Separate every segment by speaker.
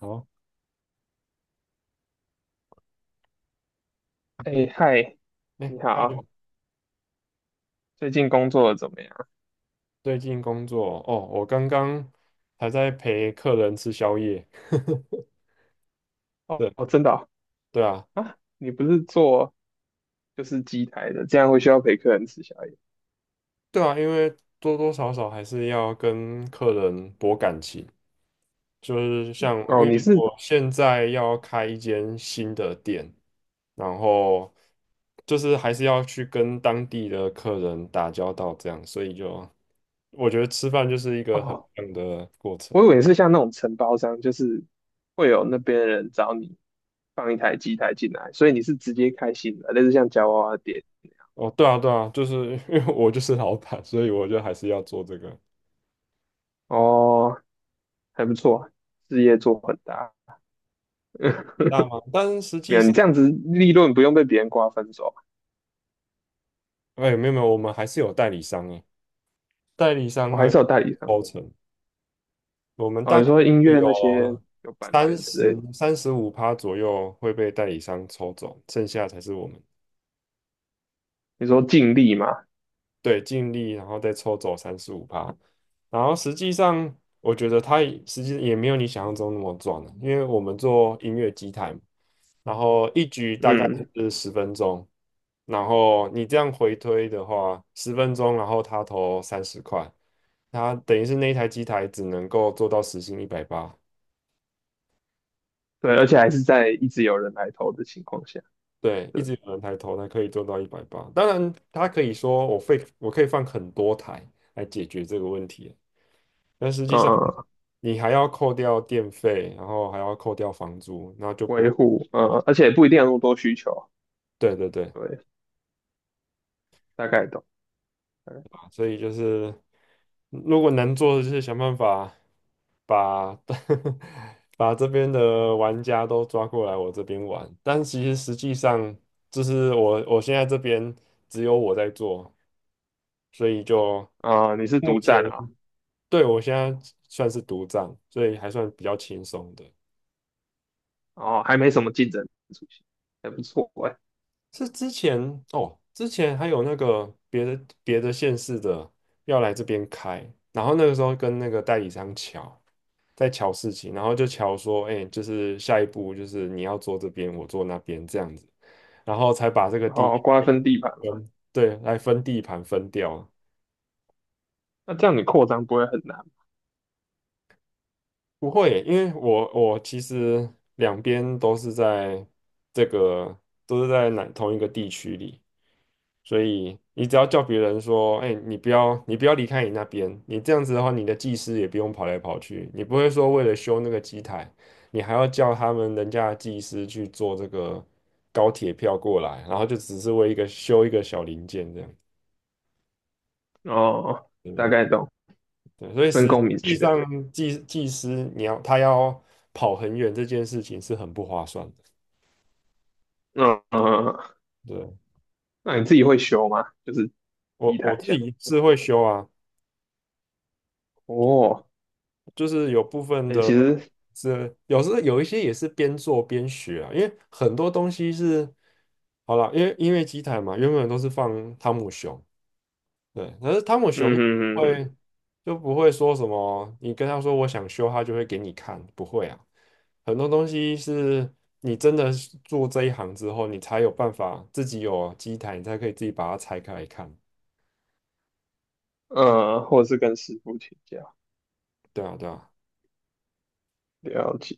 Speaker 1: 好，
Speaker 2: 哎，嗨，
Speaker 1: 哎，
Speaker 2: 你
Speaker 1: 还
Speaker 2: 好，
Speaker 1: 有
Speaker 2: 最近工作得怎么样？
Speaker 1: 最近工作哦，我刚刚还在陪客人吃宵夜。
Speaker 2: 哦，
Speaker 1: 对，
Speaker 2: 哦真的哦。
Speaker 1: 对啊，
Speaker 2: 啊，你不是做就是机台的，这样会需要陪客人吃宵夜。
Speaker 1: 对啊，因为多多少少还是要跟客人博感情，就是像因
Speaker 2: 哦，
Speaker 1: 为
Speaker 2: 你是。
Speaker 1: 我现在要开一间新的店，然后就是还是要去跟当地的客人打交道，这样，所以就我觉得吃饭就是一个很
Speaker 2: 哦，
Speaker 1: 棒的过程。
Speaker 2: 我以为你是像那种承包商，就是会有那边的人找你放一台机台进来，所以你是直接开新的，类似像夹娃娃店。
Speaker 1: 哦，对啊，对啊，就是 因为我就是老板，所以我就还是要做这个
Speaker 2: 哦，还不错，事业做很大。
Speaker 1: 大吗？但是实
Speaker 2: 没
Speaker 1: 际
Speaker 2: 有，你
Speaker 1: 上，
Speaker 2: 这样子利润不用被别人瓜分走，
Speaker 1: 哎，没有没有，我们还是有代理商诶，代理商
Speaker 2: 我还
Speaker 1: 会
Speaker 2: 是有代理商。
Speaker 1: 抽成，我们
Speaker 2: 哦，
Speaker 1: 大
Speaker 2: 你
Speaker 1: 概
Speaker 2: 说音
Speaker 1: 会
Speaker 2: 乐
Speaker 1: 有
Speaker 2: 那些有版
Speaker 1: 三
Speaker 2: 权之类
Speaker 1: 十
Speaker 2: 的，
Speaker 1: 三十五趴左右会被代理商抽走，剩下才是我们。
Speaker 2: 你
Speaker 1: 对
Speaker 2: 说尽力嘛？
Speaker 1: 对，尽力然后再抽走三十五趴，然后实际上我觉得它也实际也没有你想象中那么赚了，因为我们做音乐机台嘛然后一局大概
Speaker 2: 嗯。
Speaker 1: 是十分钟。然后你这样回推的话，十分钟，然后他投30块，他等于是那一台机台只能够做到时薪一百八。
Speaker 2: 对，而且还是在一直有人来投的情况下，
Speaker 1: 对，
Speaker 2: 对，
Speaker 1: 一直有人抬头，它可以做到一百八。当然，他可以说我可以放很多台来解决这个问题，但实
Speaker 2: 嗯
Speaker 1: 际上
Speaker 2: 嗯，
Speaker 1: 你还要扣掉电费，然后还要扣掉房租，然后就不，
Speaker 2: 维护，而且不一定有那么多需求，
Speaker 1: 对对对，
Speaker 2: 对，大概懂，大概懂。
Speaker 1: 所以就是如果能做的就是想办法。把 把这边的玩家都抓过来我这边玩，但其实实际上就是我现在这边只有我在做，所以就
Speaker 2: 啊、你是
Speaker 1: 目
Speaker 2: 独
Speaker 1: 前
Speaker 2: 占啊，
Speaker 1: 对我现在算是独占，所以还算比较轻松的。
Speaker 2: 哦，还没什么竞争出现，还不错哎、
Speaker 1: 是之前哦，之前还有那个别的县市的要来这边开，然后那个时候跟那个代理商抢。在瞧事情，然后就瞧说，哎、就是下一步就是你要坐这边，我坐那边这样子，然后才把这个地区
Speaker 2: 瓜分地盘嘛，
Speaker 1: 分，对，来分地盘分掉啊。
Speaker 2: 那这样你扩张不会很难。
Speaker 1: 不会，因为我其实两边都是在这个都是在哪同一个地区里，所以你只要叫别人说，哎、你不要离开你那边，你这样子的话，你的技师也不用跑来跑去，你不会说为了修那个机台，你还要叫他们人家的技师去做这个高铁票过来，然后就只是为一个修一个小零件这样，
Speaker 2: 哦，大
Speaker 1: 对
Speaker 2: 概懂，
Speaker 1: 对，所以
Speaker 2: 分
Speaker 1: 实
Speaker 2: 工明
Speaker 1: 际
Speaker 2: 确，
Speaker 1: 上技师他要跑很远这件事情是很不划算的。
Speaker 2: 嗯嗯，嗯嗯。
Speaker 1: 对，
Speaker 2: 那你自己会修吗？就是
Speaker 1: 我
Speaker 2: 地
Speaker 1: 我
Speaker 2: 台
Speaker 1: 自
Speaker 2: 相
Speaker 1: 己是
Speaker 2: 关的，
Speaker 1: 会修啊，
Speaker 2: 哦，
Speaker 1: 就是有部分
Speaker 2: 哎，
Speaker 1: 的
Speaker 2: 其实，
Speaker 1: 是有时候有一些也是边做边学啊，因为很多东西是好了，因为机台嘛，原本都是放汤姆熊，对，可是汤姆熊
Speaker 2: 嗯嗯
Speaker 1: 会就不会说什么，你跟他说我想修，他就会给你看，不会啊。很多东西是你真的是做这一行之后，你才有办法自己有机台，你才可以自己把它拆开来看。
Speaker 2: 嗯，或者是跟师傅请教，
Speaker 1: 对啊，对啊。
Speaker 2: 了解，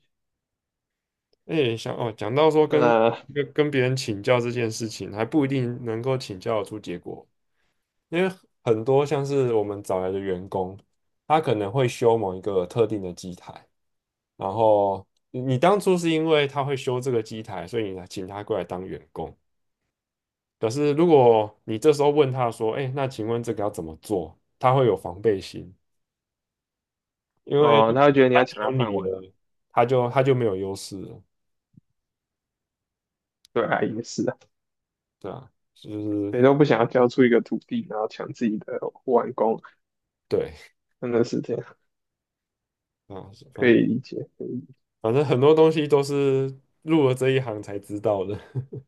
Speaker 1: 哎，想哦，讲到说跟
Speaker 2: 那、
Speaker 1: 跟跟别人请教这件事情，还不一定能够请教得出结果，因为很多像是我们找来的员工，他可能会修某一个特定的机台。然后你当初是因为他会修这个机台，所以你请他过来当员工。可是如果你这时候问他说：“哎，那请问这个要怎么做？”他会有防备心，因为
Speaker 2: 哦，他会觉得你
Speaker 1: 他
Speaker 2: 要
Speaker 1: 只
Speaker 2: 抢
Speaker 1: 有
Speaker 2: 他
Speaker 1: 你
Speaker 2: 饭碗，
Speaker 1: 了，他就没有优势了，
Speaker 2: 对啊，也是啊，
Speaker 1: 对啊，就是
Speaker 2: 谁都不想要交出一个土地，然后抢自己的碗工，
Speaker 1: 对
Speaker 2: 真的是这样，
Speaker 1: 啊，
Speaker 2: 可
Speaker 1: 反
Speaker 2: 以理解，可以理解。
Speaker 1: 反正很多东西都是入了这一行才知道的。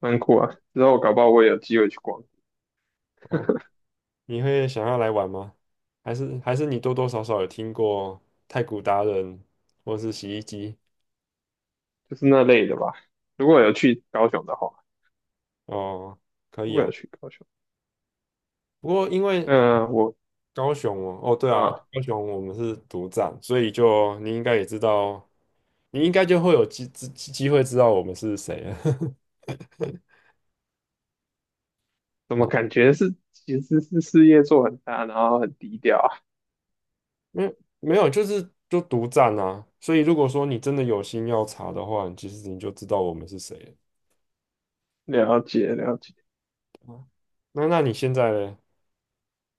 Speaker 2: 蛮
Speaker 1: 哦，
Speaker 2: 酷啊。之后搞不好我也有机会去逛，
Speaker 1: 哦你会想要来玩吗？还是你多多少少有听过太古达人或是洗衣机？
Speaker 2: 就是那类的吧。如果有去高雄的话，
Speaker 1: 哦，可
Speaker 2: 如
Speaker 1: 以
Speaker 2: 果有
Speaker 1: 啊。
Speaker 2: 去高雄，
Speaker 1: 不过因为
Speaker 2: 那我
Speaker 1: 高雄哦，哦对啊，
Speaker 2: 啊，
Speaker 1: 高雄我们是独占，所以就你应该也知道，你应该就会有机会知道我们是谁了。
Speaker 2: 怎 么
Speaker 1: 好，
Speaker 2: 感觉是其实是事业做很大，然后很低调啊？
Speaker 1: 没没有，就是就独占啊。所以如果说你真的有心要查的话，你其实你就知道我们是谁了。
Speaker 2: 了解了解，
Speaker 1: 对吧那你现在呢？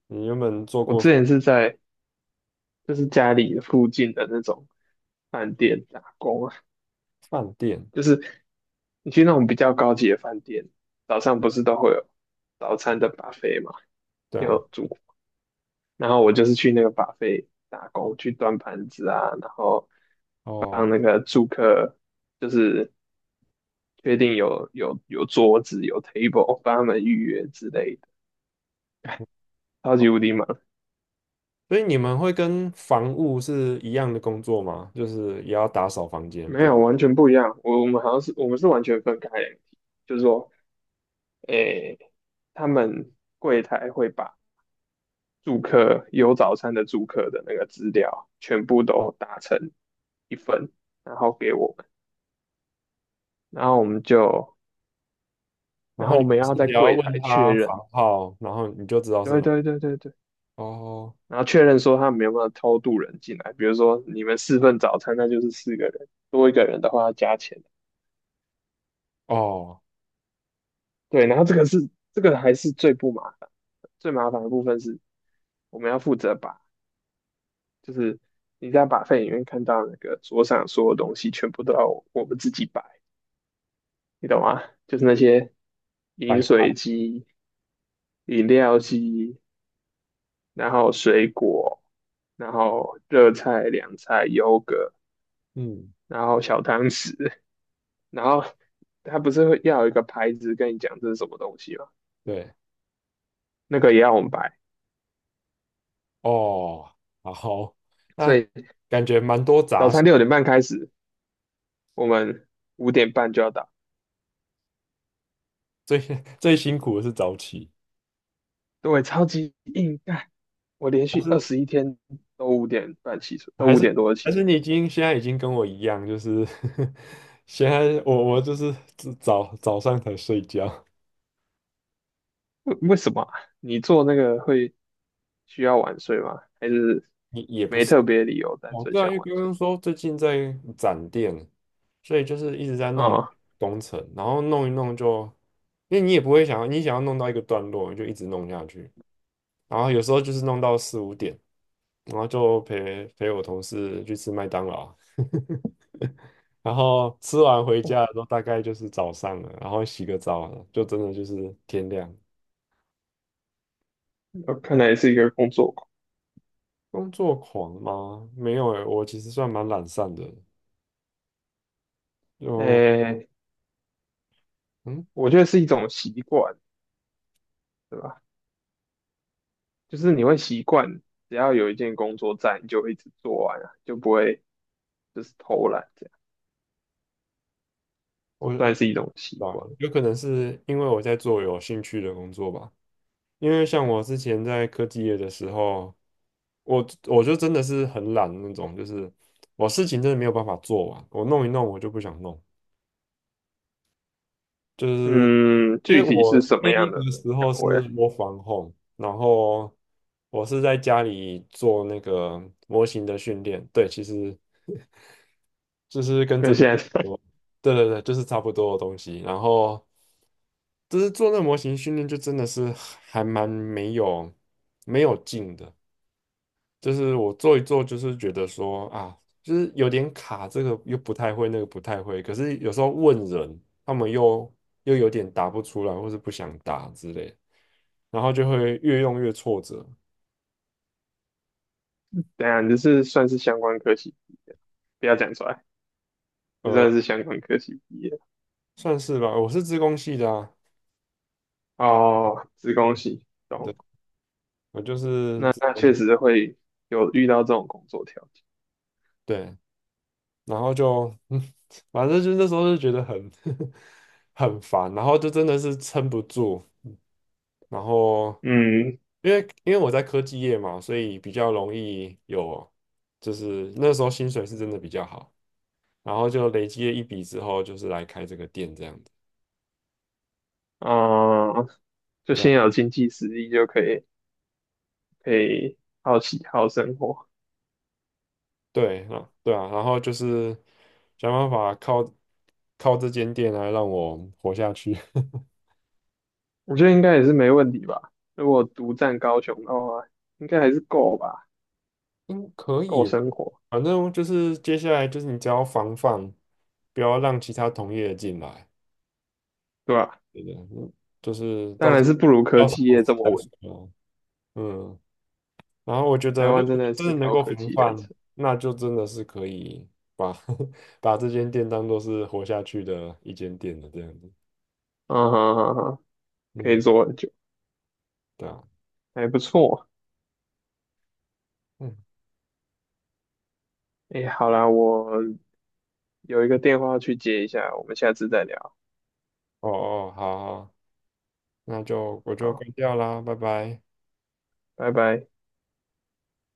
Speaker 1: 你原本做
Speaker 2: 我
Speaker 1: 过什
Speaker 2: 之
Speaker 1: 么
Speaker 2: 前是在就是家里附近的那种饭店打工啊。
Speaker 1: 饭店？
Speaker 2: 就是。你去那种比较高级的饭店，早上不是都会有早餐的 buffet 嘛，
Speaker 1: 对啊，
Speaker 2: 有煮。然后我就是去那个 buffet 打工，去端盘子啊，然后
Speaker 1: 哦
Speaker 2: 帮那个住客，就是确定有桌子有 table，帮他们预约之类的，超
Speaker 1: 哦，
Speaker 2: 级无敌忙。
Speaker 1: 所以你们会跟房务是一样的工作吗？就是也要打扫房间，
Speaker 2: 没
Speaker 1: 不？
Speaker 2: 有，完全不一样。我们好像是我们是完全分开两体，就是说，诶，他们。柜台会把。住客有早餐的住客的那个资料全部都打成一份，然后给我们，然后我们就，
Speaker 1: 然
Speaker 2: 然
Speaker 1: 后
Speaker 2: 后
Speaker 1: 你
Speaker 2: 我
Speaker 1: 就
Speaker 2: 们要
Speaker 1: 是
Speaker 2: 在
Speaker 1: 只要
Speaker 2: 柜台
Speaker 1: 问
Speaker 2: 确
Speaker 1: 他
Speaker 2: 认，
Speaker 1: 房号，然后你就知道是
Speaker 2: 对
Speaker 1: 哪。
Speaker 2: 对对对对，
Speaker 1: 哦
Speaker 2: 然后确认说他们有没有偷渡人进来，比如说你们四份早餐，那就是四个人，多一个人的话要加钱，
Speaker 1: 哦，
Speaker 2: 对，然后这个还是最不麻烦，最麻烦的部分是我们要负责把就是。你在把费里面看到那个桌上所有东西，全部都要我们自己摆。你懂吗？就是那些饮
Speaker 1: 百块
Speaker 2: 水机、饮料机，然后水果，然后热菜、凉菜、优格，
Speaker 1: 嗯，
Speaker 2: 然后小汤匙，然后他不是会要有一个牌子跟你讲这是什么东西吗？
Speaker 1: 对，
Speaker 2: 那个也要我们摆，
Speaker 1: 哦，好，
Speaker 2: 所
Speaker 1: 那
Speaker 2: 以
Speaker 1: 感觉蛮多
Speaker 2: 早
Speaker 1: 杂事，
Speaker 2: 餐6点半开始，我们五点半就要到。
Speaker 1: 最 最辛苦的是早起，
Speaker 2: 对，超级硬干，我连
Speaker 1: 还
Speaker 2: 续
Speaker 1: 是
Speaker 2: 21天都五点半起床，都
Speaker 1: 还
Speaker 2: 五
Speaker 1: 是
Speaker 2: 点多就起
Speaker 1: 还是
Speaker 2: 床。
Speaker 1: 你现在已经跟我一样，就是 现在我就是早上才睡觉，
Speaker 2: 为什么啊，你做那个会需要晚睡吗？还是
Speaker 1: 也不
Speaker 2: 没
Speaker 1: 是。
Speaker 2: 特别理由，单
Speaker 1: 哦，
Speaker 2: 纯
Speaker 1: 对啊，因
Speaker 2: 想
Speaker 1: 为
Speaker 2: 晚
Speaker 1: 刚
Speaker 2: 睡？
Speaker 1: 刚说最近在展店，所以就是一直在弄
Speaker 2: 啊、
Speaker 1: 工程，然后弄一弄就，因为你也不会想要，你想要弄到一个段落，你就一直弄下去，然后有时候就是弄到四五点，然后就陪我同事去吃麦当劳，然后吃完回
Speaker 2: 我
Speaker 1: 家的时候大概就是早上了，然后洗个澡了就真的就是天亮。
Speaker 2: 我看来是一个工作狂。
Speaker 1: 工作狂吗？没有诶，我其实算蛮懒散的，就
Speaker 2: 诶，
Speaker 1: 嗯。
Speaker 2: 我觉得是一种习惯，对吧？就是你会习惯，只要有一件工作在，你就会一直做完啊，就不会就是偷懒这样，
Speaker 1: 我。
Speaker 2: 算是一种习
Speaker 1: 对啊，
Speaker 2: 惯。
Speaker 1: 有可能是因为我在做有兴趣的工作吧。因为像我之前在科技业的时候，我就真的是很懒的那种，就是我事情真的没有办法做完，我弄一弄我就不想弄，就是
Speaker 2: 嗯，
Speaker 1: 因为
Speaker 2: 具体是
Speaker 1: 我
Speaker 2: 什
Speaker 1: 那
Speaker 2: 么
Speaker 1: 一
Speaker 2: 样的
Speaker 1: 个时
Speaker 2: 岗
Speaker 1: 候是
Speaker 2: 位啊，
Speaker 1: w o r home，然后我是在家里做那个模型的训练，对，其实 就是跟这
Speaker 2: 跟
Speaker 1: 边差
Speaker 2: 现
Speaker 1: 不
Speaker 2: 在
Speaker 1: 多，对对对，就是差不多的东西，然后。就是做那个模型训练就真的是还蛮没有劲的，就是我做一做，就是觉得说啊，就是有点卡，这个又不太会，那个不太会，可是有时候问人，他们又有点答不出来，或是不想答之类的然后就会越用越挫折，
Speaker 2: 等一下你这是算是相关科系，不要讲出来，这
Speaker 1: 呃，
Speaker 2: 算是相关科系毕业。
Speaker 1: 算是吧，我是资工系的啊，
Speaker 2: 哦，子宫系，
Speaker 1: 对，
Speaker 2: 懂。
Speaker 1: 我就是
Speaker 2: 那
Speaker 1: 资
Speaker 2: 那
Speaker 1: 工
Speaker 2: 确实会有遇到这种工作条件。
Speaker 1: 对，然后就嗯，反正就那时候就觉得很 很烦，然后就真的是撑不住。然后
Speaker 2: 嗯，
Speaker 1: 因为我在科技业嘛，所以比较容易有，就是那时候薪水是真的比较好，然后就累积了一笔之后，就是来开这个店这样子。
Speaker 2: 哦、就
Speaker 1: 对啊，
Speaker 2: 先有经济实力就可以好奇好生活，
Speaker 1: 对啊，对啊，然后就是想办法靠这间店来让我活下去。
Speaker 2: 我觉得应该也是没问题吧。如果独占高雄的话，应该还是够吧，
Speaker 1: 嗯，可
Speaker 2: 够
Speaker 1: 以啦，
Speaker 2: 生活，
Speaker 1: 反正就是接下来就是你只要防范，不要让其他同业进来，
Speaker 2: 对吧？
Speaker 1: 对的，嗯就是
Speaker 2: 当
Speaker 1: 到
Speaker 2: 然
Speaker 1: 时
Speaker 2: 是不如科
Speaker 1: 到时
Speaker 2: 技
Speaker 1: 候
Speaker 2: 业这么
Speaker 1: 再
Speaker 2: 稳。
Speaker 1: 说。嗯。然后我觉
Speaker 2: 台
Speaker 1: 得，如
Speaker 2: 湾真
Speaker 1: 果
Speaker 2: 的
Speaker 1: 真
Speaker 2: 是
Speaker 1: 的能
Speaker 2: 高
Speaker 1: 够
Speaker 2: 科
Speaker 1: 防
Speaker 2: 技业
Speaker 1: 范，
Speaker 2: 城，
Speaker 1: 那就真的是可以把 把这间店当做是活下去的一间店的这样子。
Speaker 2: 嗯哼哼哼可以
Speaker 1: 嗯，
Speaker 2: 做很久，
Speaker 1: 对啊，
Speaker 2: 还不错。
Speaker 1: 嗯，
Speaker 2: 哎，好啦，我有一个电话去接一下，我们下次再聊。
Speaker 1: 哦哦，好好，那就我就
Speaker 2: 好。
Speaker 1: 关掉啦，拜拜。
Speaker 2: 拜拜。